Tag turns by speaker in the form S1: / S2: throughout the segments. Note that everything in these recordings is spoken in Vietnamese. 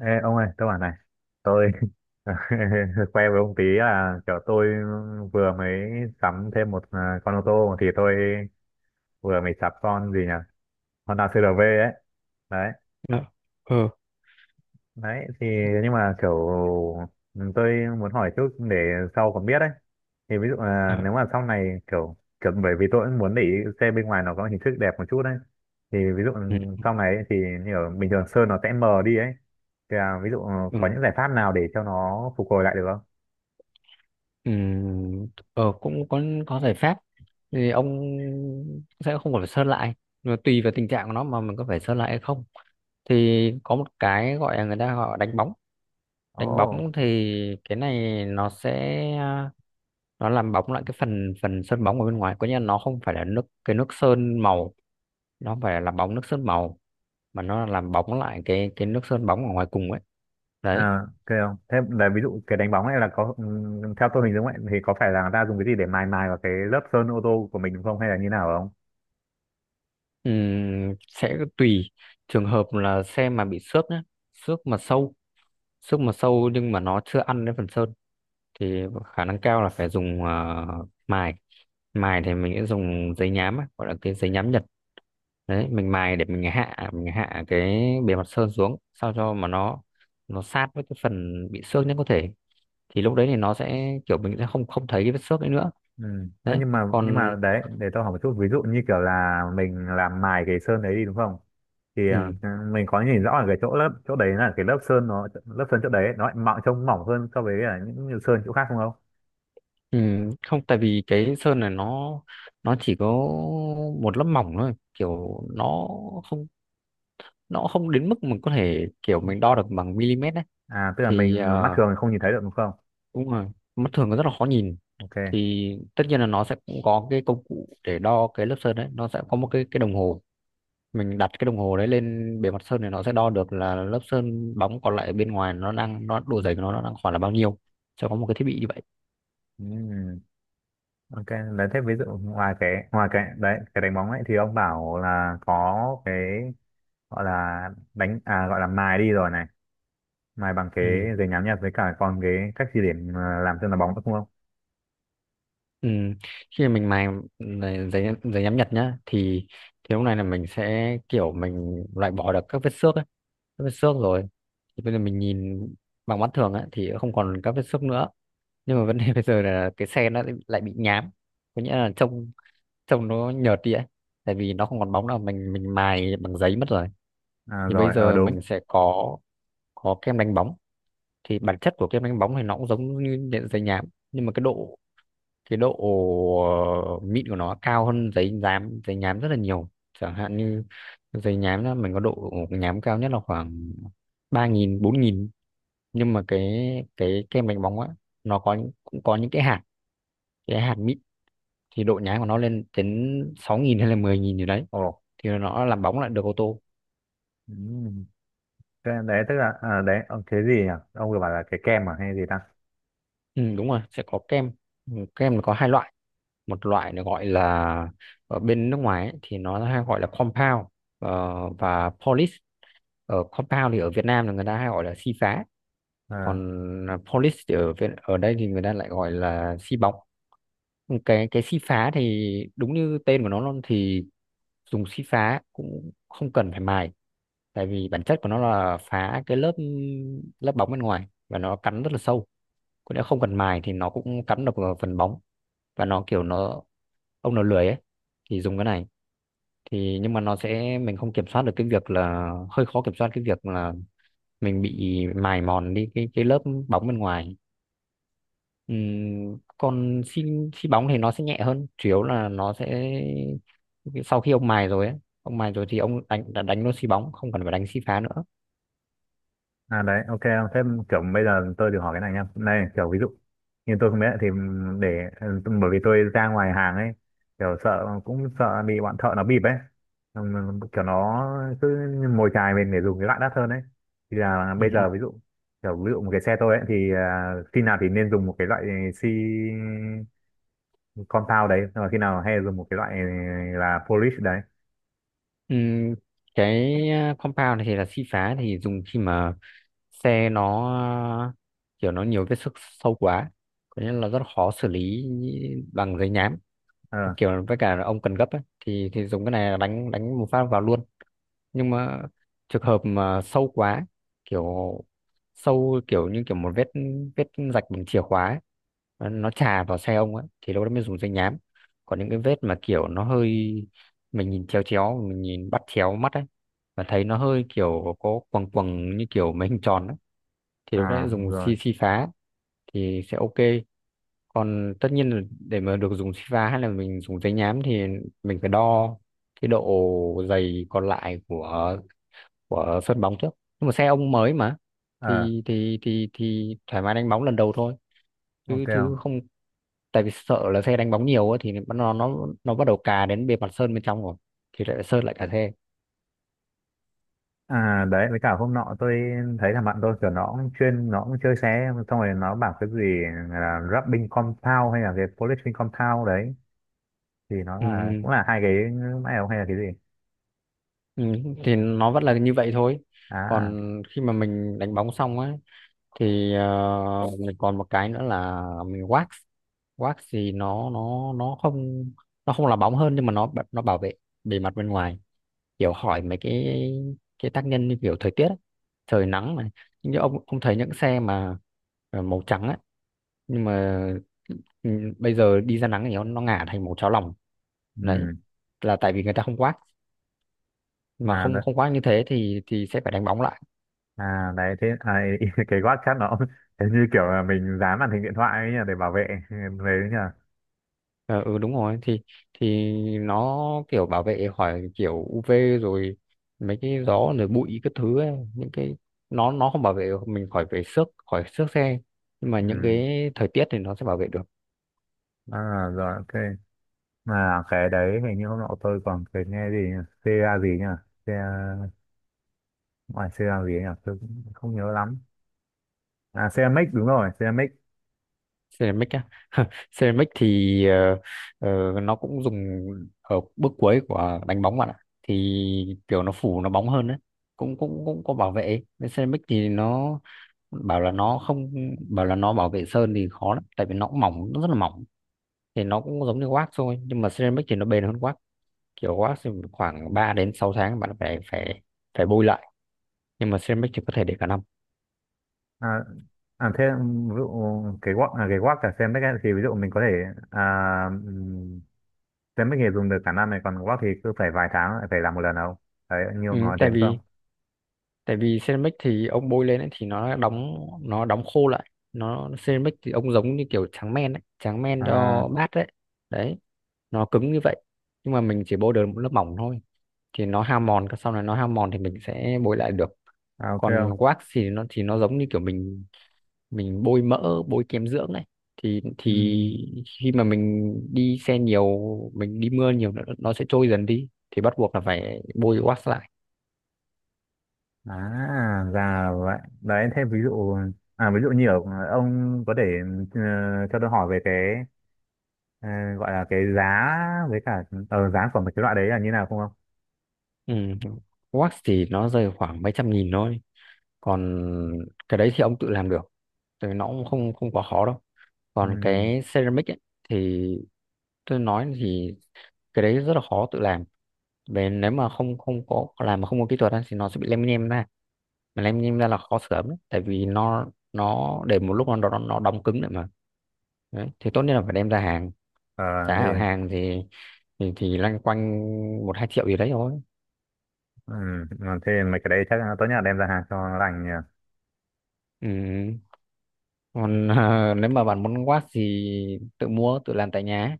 S1: Ê, ông ơi, tôi bảo này, tôi khoe với ông tí là kiểu tôi vừa mới sắm thêm con ô tô thì tôi vừa mới sắm con gì nhỉ? Honda CR-V ấy. Đấy,
S2: Dạ. Ờ.
S1: đấy, thì nhưng mà kiểu tôi muốn hỏi chút để sau còn biết ấy. Thì ví dụ là
S2: À,
S1: nếu mà sau này kiểu kiểu bởi vì tôi cũng muốn để ý xe bên ngoài nó có hình thức đẹp một chút đấy. Thì ví dụ
S2: ừ.
S1: sau này ấy, thì như ở bình thường sơn nó sẽ mờ đi ấy. Thì ví dụ
S2: Ừ.
S1: có những giải pháp nào để cho nó phục hồi lại được không?
S2: Ừ. Ờ, cũng có giải pháp, thì ông sẽ không phải sơn lại mà tùy vào tình trạng của nó mà mình có phải sơn lại hay không. Thì có một cái gọi là, người ta gọi đánh bóng. Đánh
S1: Ồ.
S2: bóng thì cái này nó sẽ, nó làm bóng lại cái phần phần sơn bóng ở bên ngoài, có nghĩa là nó không phải là nước, cái nước sơn màu, nó không phải là làm bóng nước sơn màu mà nó là làm bóng lại cái nước sơn bóng ở ngoài cùng ấy, đấy.
S1: À, ok không? Thế là ví dụ cái đánh bóng này là có theo tôi hình dung ấy thì có phải là người ta dùng cái gì để mài mài vào cái lớp sơn ô tô của mình đúng không hay là như nào không?
S2: Sẽ tùy trường hợp là xe mà bị xước nhé, xước mà sâu, xước mà sâu nhưng mà nó chưa ăn đến phần sơn thì khả năng cao là phải dùng mài. Mài thì mình sẽ dùng giấy nhám á, gọi là cái giấy nhám Nhật đấy. Mình mài để mình hạ cái bề mặt sơn xuống sao cho mà nó sát với cái phần bị xước nhất có thể. Thì lúc đấy thì nó sẽ kiểu, mình sẽ không không thấy cái vết xước ấy nữa,
S1: Ừ. Ơ,
S2: đấy.
S1: nhưng mà nhưng
S2: Còn
S1: mà đấy để tôi hỏi một chút ví dụ như kiểu là mình làm mài cái sơn đấy đi đúng không? Thì
S2: ừ.
S1: mình có nhìn rõ ở cái chỗ lớp chỗ đấy là cái lớp sơn nó lớp sơn chỗ đấy nó lại mỏng trông mỏng hơn so với là những sơn chỗ khác không không?
S2: Ừ, không, tại vì cái sơn này nó chỉ có một lớp mỏng thôi, kiểu không nó không đến mức mình có thể kiểu
S1: Ừ.
S2: mình đo được bằng mm ấy.
S1: À tức là mình
S2: Thì
S1: mắt thường không nhìn thấy được đúng không?
S2: đúng rồi, mắt thường nó rất là khó nhìn.
S1: Ok.
S2: Thì tất nhiên là nó sẽ cũng có cái công cụ để đo cái lớp sơn đấy, nó sẽ có một cái đồng hồ. Mình đặt cái đồng hồ đấy lên bề mặt sơn thì nó sẽ đo được là lớp sơn bóng còn lại bên ngoài, nó đang, nó độ dày của nó đang khoảng là bao nhiêu. Sẽ có một cái thiết bị như vậy.
S1: Ừ. Ok, đấy thế ví dụ ngoài cái đấy cái đánh bóng ấy thì ông bảo là có cái gọi là đánh gọi là mài đi rồi này, mài bằng cái
S2: Ừ.
S1: giấy nhám nhật với cả còn cái cách di điểm làm chân là bóng nữa đúng không?
S2: Ừ. Khi mình mài này, giấy giấy nhám Nhật nhá thì lúc này là mình sẽ kiểu mình loại bỏ được các vết xước ấy, các vết xước rồi. Thì bây giờ mình nhìn bằng mắt thường ấy, thì không còn các vết xước nữa, nhưng mà vấn đề bây giờ là cái xe nó lại bị nhám, có nghĩa là trông trông nó nhợt đi ấy, tại vì nó không còn bóng nào, mình mài bằng giấy mất rồi.
S1: À,
S2: Thì bây
S1: rồi ờ
S2: giờ
S1: đúng.
S2: mình sẽ có kem đánh bóng. Thì bản chất của kem đánh bóng thì nó cũng giống như giấy nhám, nhưng mà cái độ mịn của nó cao hơn giấy nhám, giấy nhám rất là nhiều. Chẳng hạn như giấy nhám đó, mình có độ nhám cao nhất là khoảng 3.000 4.000. Nhưng mà cái kem đánh bóng á, cũng có những cái hạt mịn, thì độ nhám của nó lên đến 6.000 hay là 10.000 gì đấy.
S1: Ồ.
S2: Thì nó làm bóng lại được ô tô.
S1: Ừm. Thế đấy tức là đấy ông cái gì nhỉ? Ông vừa bảo là cái kem à hay gì ta?
S2: Ừ, đúng rồi, sẽ có kem. Ừ, kem nó có hai loại. Một loại nó gọi là, ở bên nước ngoài ấy, thì nó hay gọi là compound, ờ, và polish. Ở compound thì ở Việt Nam là người ta hay gọi là xi phá,
S1: Ờ.
S2: còn polish thì ở Việt, ở đây thì người ta lại gọi là xi bóng. Cái xi phá thì đúng như tên của nó luôn, thì dùng xi phá cũng không cần phải mài, tại vì bản chất của nó là phá cái lớp lớp bóng bên ngoài và nó cắn rất là sâu. Còn nếu không cần mài thì nó cũng cắn được vào phần bóng, và nó kiểu nó, ông nào lười ấy thì dùng cái này. Thì nhưng mà nó sẽ, mình không kiểm soát được cái việc là, hơi khó kiểm soát cái việc là mình bị mài mòn đi cái lớp bóng bên ngoài. Còn xi xi bóng thì nó sẽ nhẹ hơn, chủ yếu là nó sẽ sau khi ông mài rồi ấy, ông mài rồi thì ông đã đánh luôn xi bóng, không cần phải đánh xi phá nữa.
S1: À đấy, ok em. Thế kiểu bây giờ tôi được hỏi cái này nha. Này, kiểu ví dụ như tôi không biết thì để bởi vì tôi ra ngoài hàng ấy, kiểu sợ cũng sợ bị bọn thợ nó bịp ấy. Xong kiểu nó cứ mồi chài mình để dùng cái loại đắt hơn ấy. Thì là bây giờ
S2: Ừm,
S1: ví dụ một cái xe tôi ấy thì khi nào thì nên dùng một cái loại xi compound đấy, rồi khi nào hay dùng một cái loại là polish đấy.
S2: ừm, cái compound thì là xi phá, thì dùng khi mà xe nó ờ, kiểu nó nhiều vết xước sâu quá, có nghĩa là rất khó xử lý bằng giấy nhám,
S1: Ờ,
S2: kiểu với cả là ông cần gấp ấy, thì dùng cái này là đánh đánh một phát vào luôn. Nhưng mà trường hợp mà sâu quá, kiểu sâu kiểu như kiểu một vết, vết rạch bằng chìa khóa ấy, nó chà vào xe ông ấy thì lúc đó mới dùng giấy nhám. Còn những cái vết mà kiểu nó hơi, mình nhìn chéo chéo, mình nhìn bắt chéo mắt ấy và thấy nó hơi kiểu có quầng quầng như kiểu mấy hình tròn ấy, thì lúc
S1: à
S2: đấy dùng
S1: rồi.
S2: si si phá thì sẽ ok. Còn tất nhiên là để mà được dùng si phá hay là mình dùng giấy nhám thì mình phải đo cái độ dày còn lại của sân bóng trước. Nhưng mà xe ông mới mà
S1: Ờ,
S2: thì thoải mái đánh bóng lần đầu thôi, chứ
S1: ok.
S2: chứ không, tại vì sợ là xe đánh bóng nhiều á thì nó, nó bắt đầu cà đến bề mặt sơn bên trong rồi thì lại sơn lại cả xe.
S1: À đấy với cả hôm nọ tôi thấy là bạn tôi kiểu nó cũng chuyên nó cũng chơi xe xong rồi nó bảo cái gì là rubbing compound hay là cái polishing compound đấy thì nó là
S2: Ừ,
S1: cũng là hai cái máy không hay là cái gì.
S2: ừ, ừ, thì nó vẫn là như vậy thôi.
S1: À.
S2: Còn khi mà mình đánh bóng xong á thì mình còn một cái nữa là mình wax. Wax thì nó nó không, nó không là bóng hơn nhưng mà nó bảo vệ bề mặt bên ngoài, kiểu hỏi mấy cái tác nhân như kiểu thời tiết ấy. Trời nắng này, như ông thấy những xe mà ờ, màu trắng ấy, nhưng mà ừ, bây giờ đi ra nắng thì nó ngả thành màu cháo lòng. Đấy
S1: Ừ.
S2: là tại vì người ta không wax, mà
S1: À
S2: không
S1: đấy.
S2: không wax như thế thì sẽ phải đánh bóng lại.
S1: À đấy thế à, cái quát chat nó cũng- thế như kiểu là mình dán màn hình điện thoại ấy nhỉ để bảo vệ về đấy nhỉ.
S2: Ờ, ừ, đúng rồi thì nó kiểu bảo vệ khỏi kiểu UV, rồi mấy cái gió, rồi bụi các thứ ấy. Những cái nó không bảo vệ mình khỏi về xước, khỏi xước xe, nhưng mà những
S1: Ừ.
S2: cái thời tiết thì nó sẽ bảo vệ được.
S1: À, rồi ok. Mà cái đấy hình như hôm nọ tôi còn cái nghe gì nhỉ? CA gì nhỉ, CA, ngoài CA gì nhỉ tôi cũng không nhớ lắm. À ceramic đúng rồi ceramic.
S2: Ceramic á, ceramic thì nó cũng dùng ở bước cuối của đánh bóng bạn ạ. Thì kiểu nó phủ, nó bóng hơn đấy, cũng cũng cũng có bảo vệ. Nên ceramic thì nó bảo là nó không, bảo là nó bảo vệ sơn thì khó lắm tại vì nó cũng mỏng, nó rất là mỏng. Thì nó cũng giống như wax thôi nhưng mà ceramic thì nó bền hơn wax. Kiểu wax thì khoảng 3 đến 6 tháng bạn phải, phải bôi lại, nhưng mà ceramic thì có thể để cả năm.
S1: À, à thế ví dụ cái guốc à, cái guốc cả ceramic ấy, thì ví dụ mình có thể à, ừm, ceramic thì dùng được cả năm này còn guốc thì cứ phải vài tháng lại phải làm một lần đâu, đấy như
S2: Ừ,
S1: ông nói thế
S2: tại
S1: đúng không?
S2: vì tại vì ceramic thì ông bôi lên ấy, thì nó đóng, nó đóng khô lại. Nó ceramic thì ông giống như kiểu tráng men ấy, tráng men
S1: À,
S2: cho bát đấy. Đấy, nó cứng như vậy, nhưng mà mình chỉ bôi được một lớp mỏng thôi. Thì nó hao mòn, sau này nó hao mòn thì mình sẽ bôi lại được.
S1: à ok
S2: Còn
S1: không.
S2: wax thì nó giống như kiểu mình bôi mỡ, bôi kem dưỡng này,
S1: Ừm.
S2: thì khi mà mình đi xe nhiều, mình đi mưa nhiều nó sẽ trôi dần đi, thì bắt buộc là phải bôi wax lại.
S1: À ra vậy đấy thế ví dụ ví dụ như ở, ông có thể ờ, cho tôi hỏi về cái ờ, gọi là cái giá với cả giá của một cái loại đấy là như nào không không.
S2: Ừ. Wax thì nó rơi khoảng mấy trăm nghìn thôi, còn cái đấy thì ông tự làm được, thì nó cũng không không quá khó đâu. Còn
S1: Ừm.
S2: cái ceramic ấy, thì tôi nói thì cái đấy rất là khó tự làm. Về nếu mà không không có làm mà không có kỹ thuật á, thì nó sẽ bị lem nhem ra, mà làm em ra là khó sửa lắm đấy. Tại vì nó để một lúc nó nó đóng cứng lại mà, đấy. Thì tốt nhất là phải đem ra hàng.
S1: Ờ,
S2: Giá
S1: thì
S2: ở hàng thì, thì loanh quanh 1-2 triệu gì đấy thôi.
S1: ừ, mà thế mấy cái đấy chắc là tốt nhất là đem ra hàng cho nó lành nhỉ.
S2: Ừ. Còn ờ, nếu mà bạn muốn watt thì tự mua tự làm tại nhà,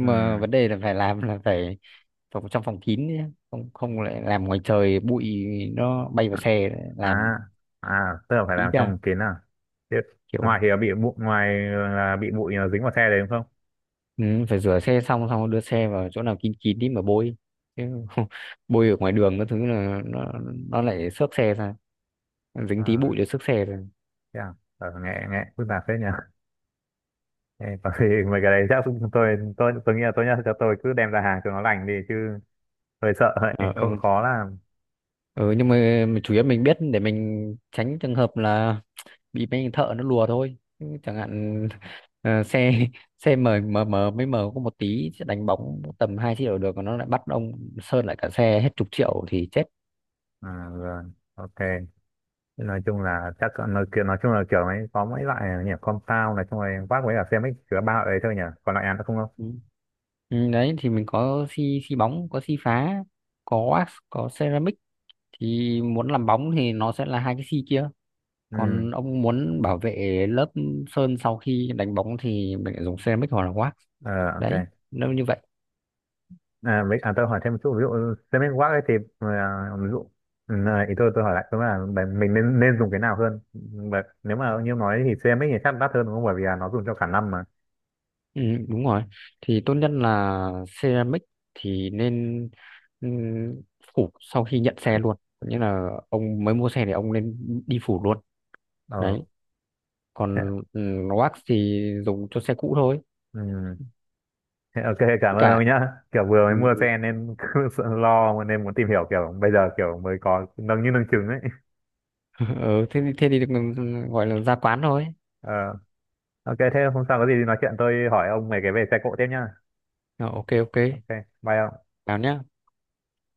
S1: Ừ.
S2: mà vấn đề là phải làm là phải phòng, trong phòng kín nhé. Không không lại làm ngoài trời, bụi nó bay vào
S1: À,
S2: xe làm.
S1: à, à, tức là phải
S2: Ý
S1: làm
S2: ra
S1: trong kín à. Thế ngoài
S2: kiểu,
S1: thì là bị bụi, ngoài là bị bụi nó dính vào xe đấy đúng không?
S2: ừ, phải rửa xe xong, xong đưa xe vào chỗ nào kín kín đi mà bôi, chứ bôi ở ngoài đường cái thứ là nó lại xước xe ra, dính tí
S1: À,
S2: bụi để xước xe ra.
S1: thế à? Ờ, nghe nghe phức tạp phết nhỉ. Ê, có khi mấy cái đấy chắc chúng tôi tôi nghĩ là tốt nhất là cho tôi cứ đem ra hàng cho nó lành đi chứ hơi sợ hơi
S2: Ờ, ờ.
S1: khó, khó làm.
S2: Ừ, nhưng mà chủ yếu mình biết để mình tránh trường hợp là bị mấy thợ nó lùa thôi. Chứ chẳng hạn ờ, xe xe mờ mờ mờ mới mờ có một tí, chứ đánh bóng tầm hai chiếc đầu được, còn nó lại bắt ông sơn lại cả xe hết chục triệu thì chết.
S1: À, rồi. Ok. Nói chung là chắc nói, kiểu- nói chung là kiểu mấy có mấy loại nhỉ, compound này chung rồi quát với cả CMX chứa ba loại đấy thôi nhỉ còn lại ăn nữa không không.
S2: Ừ. Ừ, đấy thì mình có xi xi bóng, có xi phá, có wax, có ceramic. Thì muốn làm bóng thì nó sẽ là hai cái xi kia.
S1: Ừ.
S2: Còn ông muốn bảo vệ lớp sơn sau khi đánh bóng thì mình lại dùng ceramic hoặc là wax,
S1: Ờ, ok.
S2: đấy, nếu như vậy.
S1: À, với, tôi hỏi thêm một chút ví dụ streaming work ấy thì ví dụ ừ, ý tôi hỏi lại tôi là bạn- mình nên nên dùng cái nào hơn. Và nếu mà như nói thì streaming thì chắc đắt hơn đúng không bởi vì là nó dùng cho cả năm mà.
S2: Ừ, đúng rồi, thì tốt nhất là ceramic thì nên ừm, phủ sau khi nhận xe luôn, nghĩa là ông mới mua xe thì ông nên đi phủ luôn,
S1: Ờ
S2: đấy.
S1: thế,
S2: Còn wax thì dùng cho xe cũ thôi.
S1: ừ, thế ok cảm ơn
S2: Cả
S1: ông nhá kiểu vừa mới
S2: ừ,
S1: mua
S2: ừ.
S1: xe nên cứ sợ lo nên muốn tìm hiểu kiểu bây giờ kiểu mới có nâng như nâng trứng ấy.
S2: Ờ, thế thì, thế thì được, ừ, ừ, gọi là ra quán thôi.
S1: Ờ, ok thế hôm sau có gì thì nói chuyện tôi hỏi ông về cái về xe cộ tiếp nhá.
S2: Ờ, ok, ok.
S1: Ok, bye ông.
S2: Chào nhá.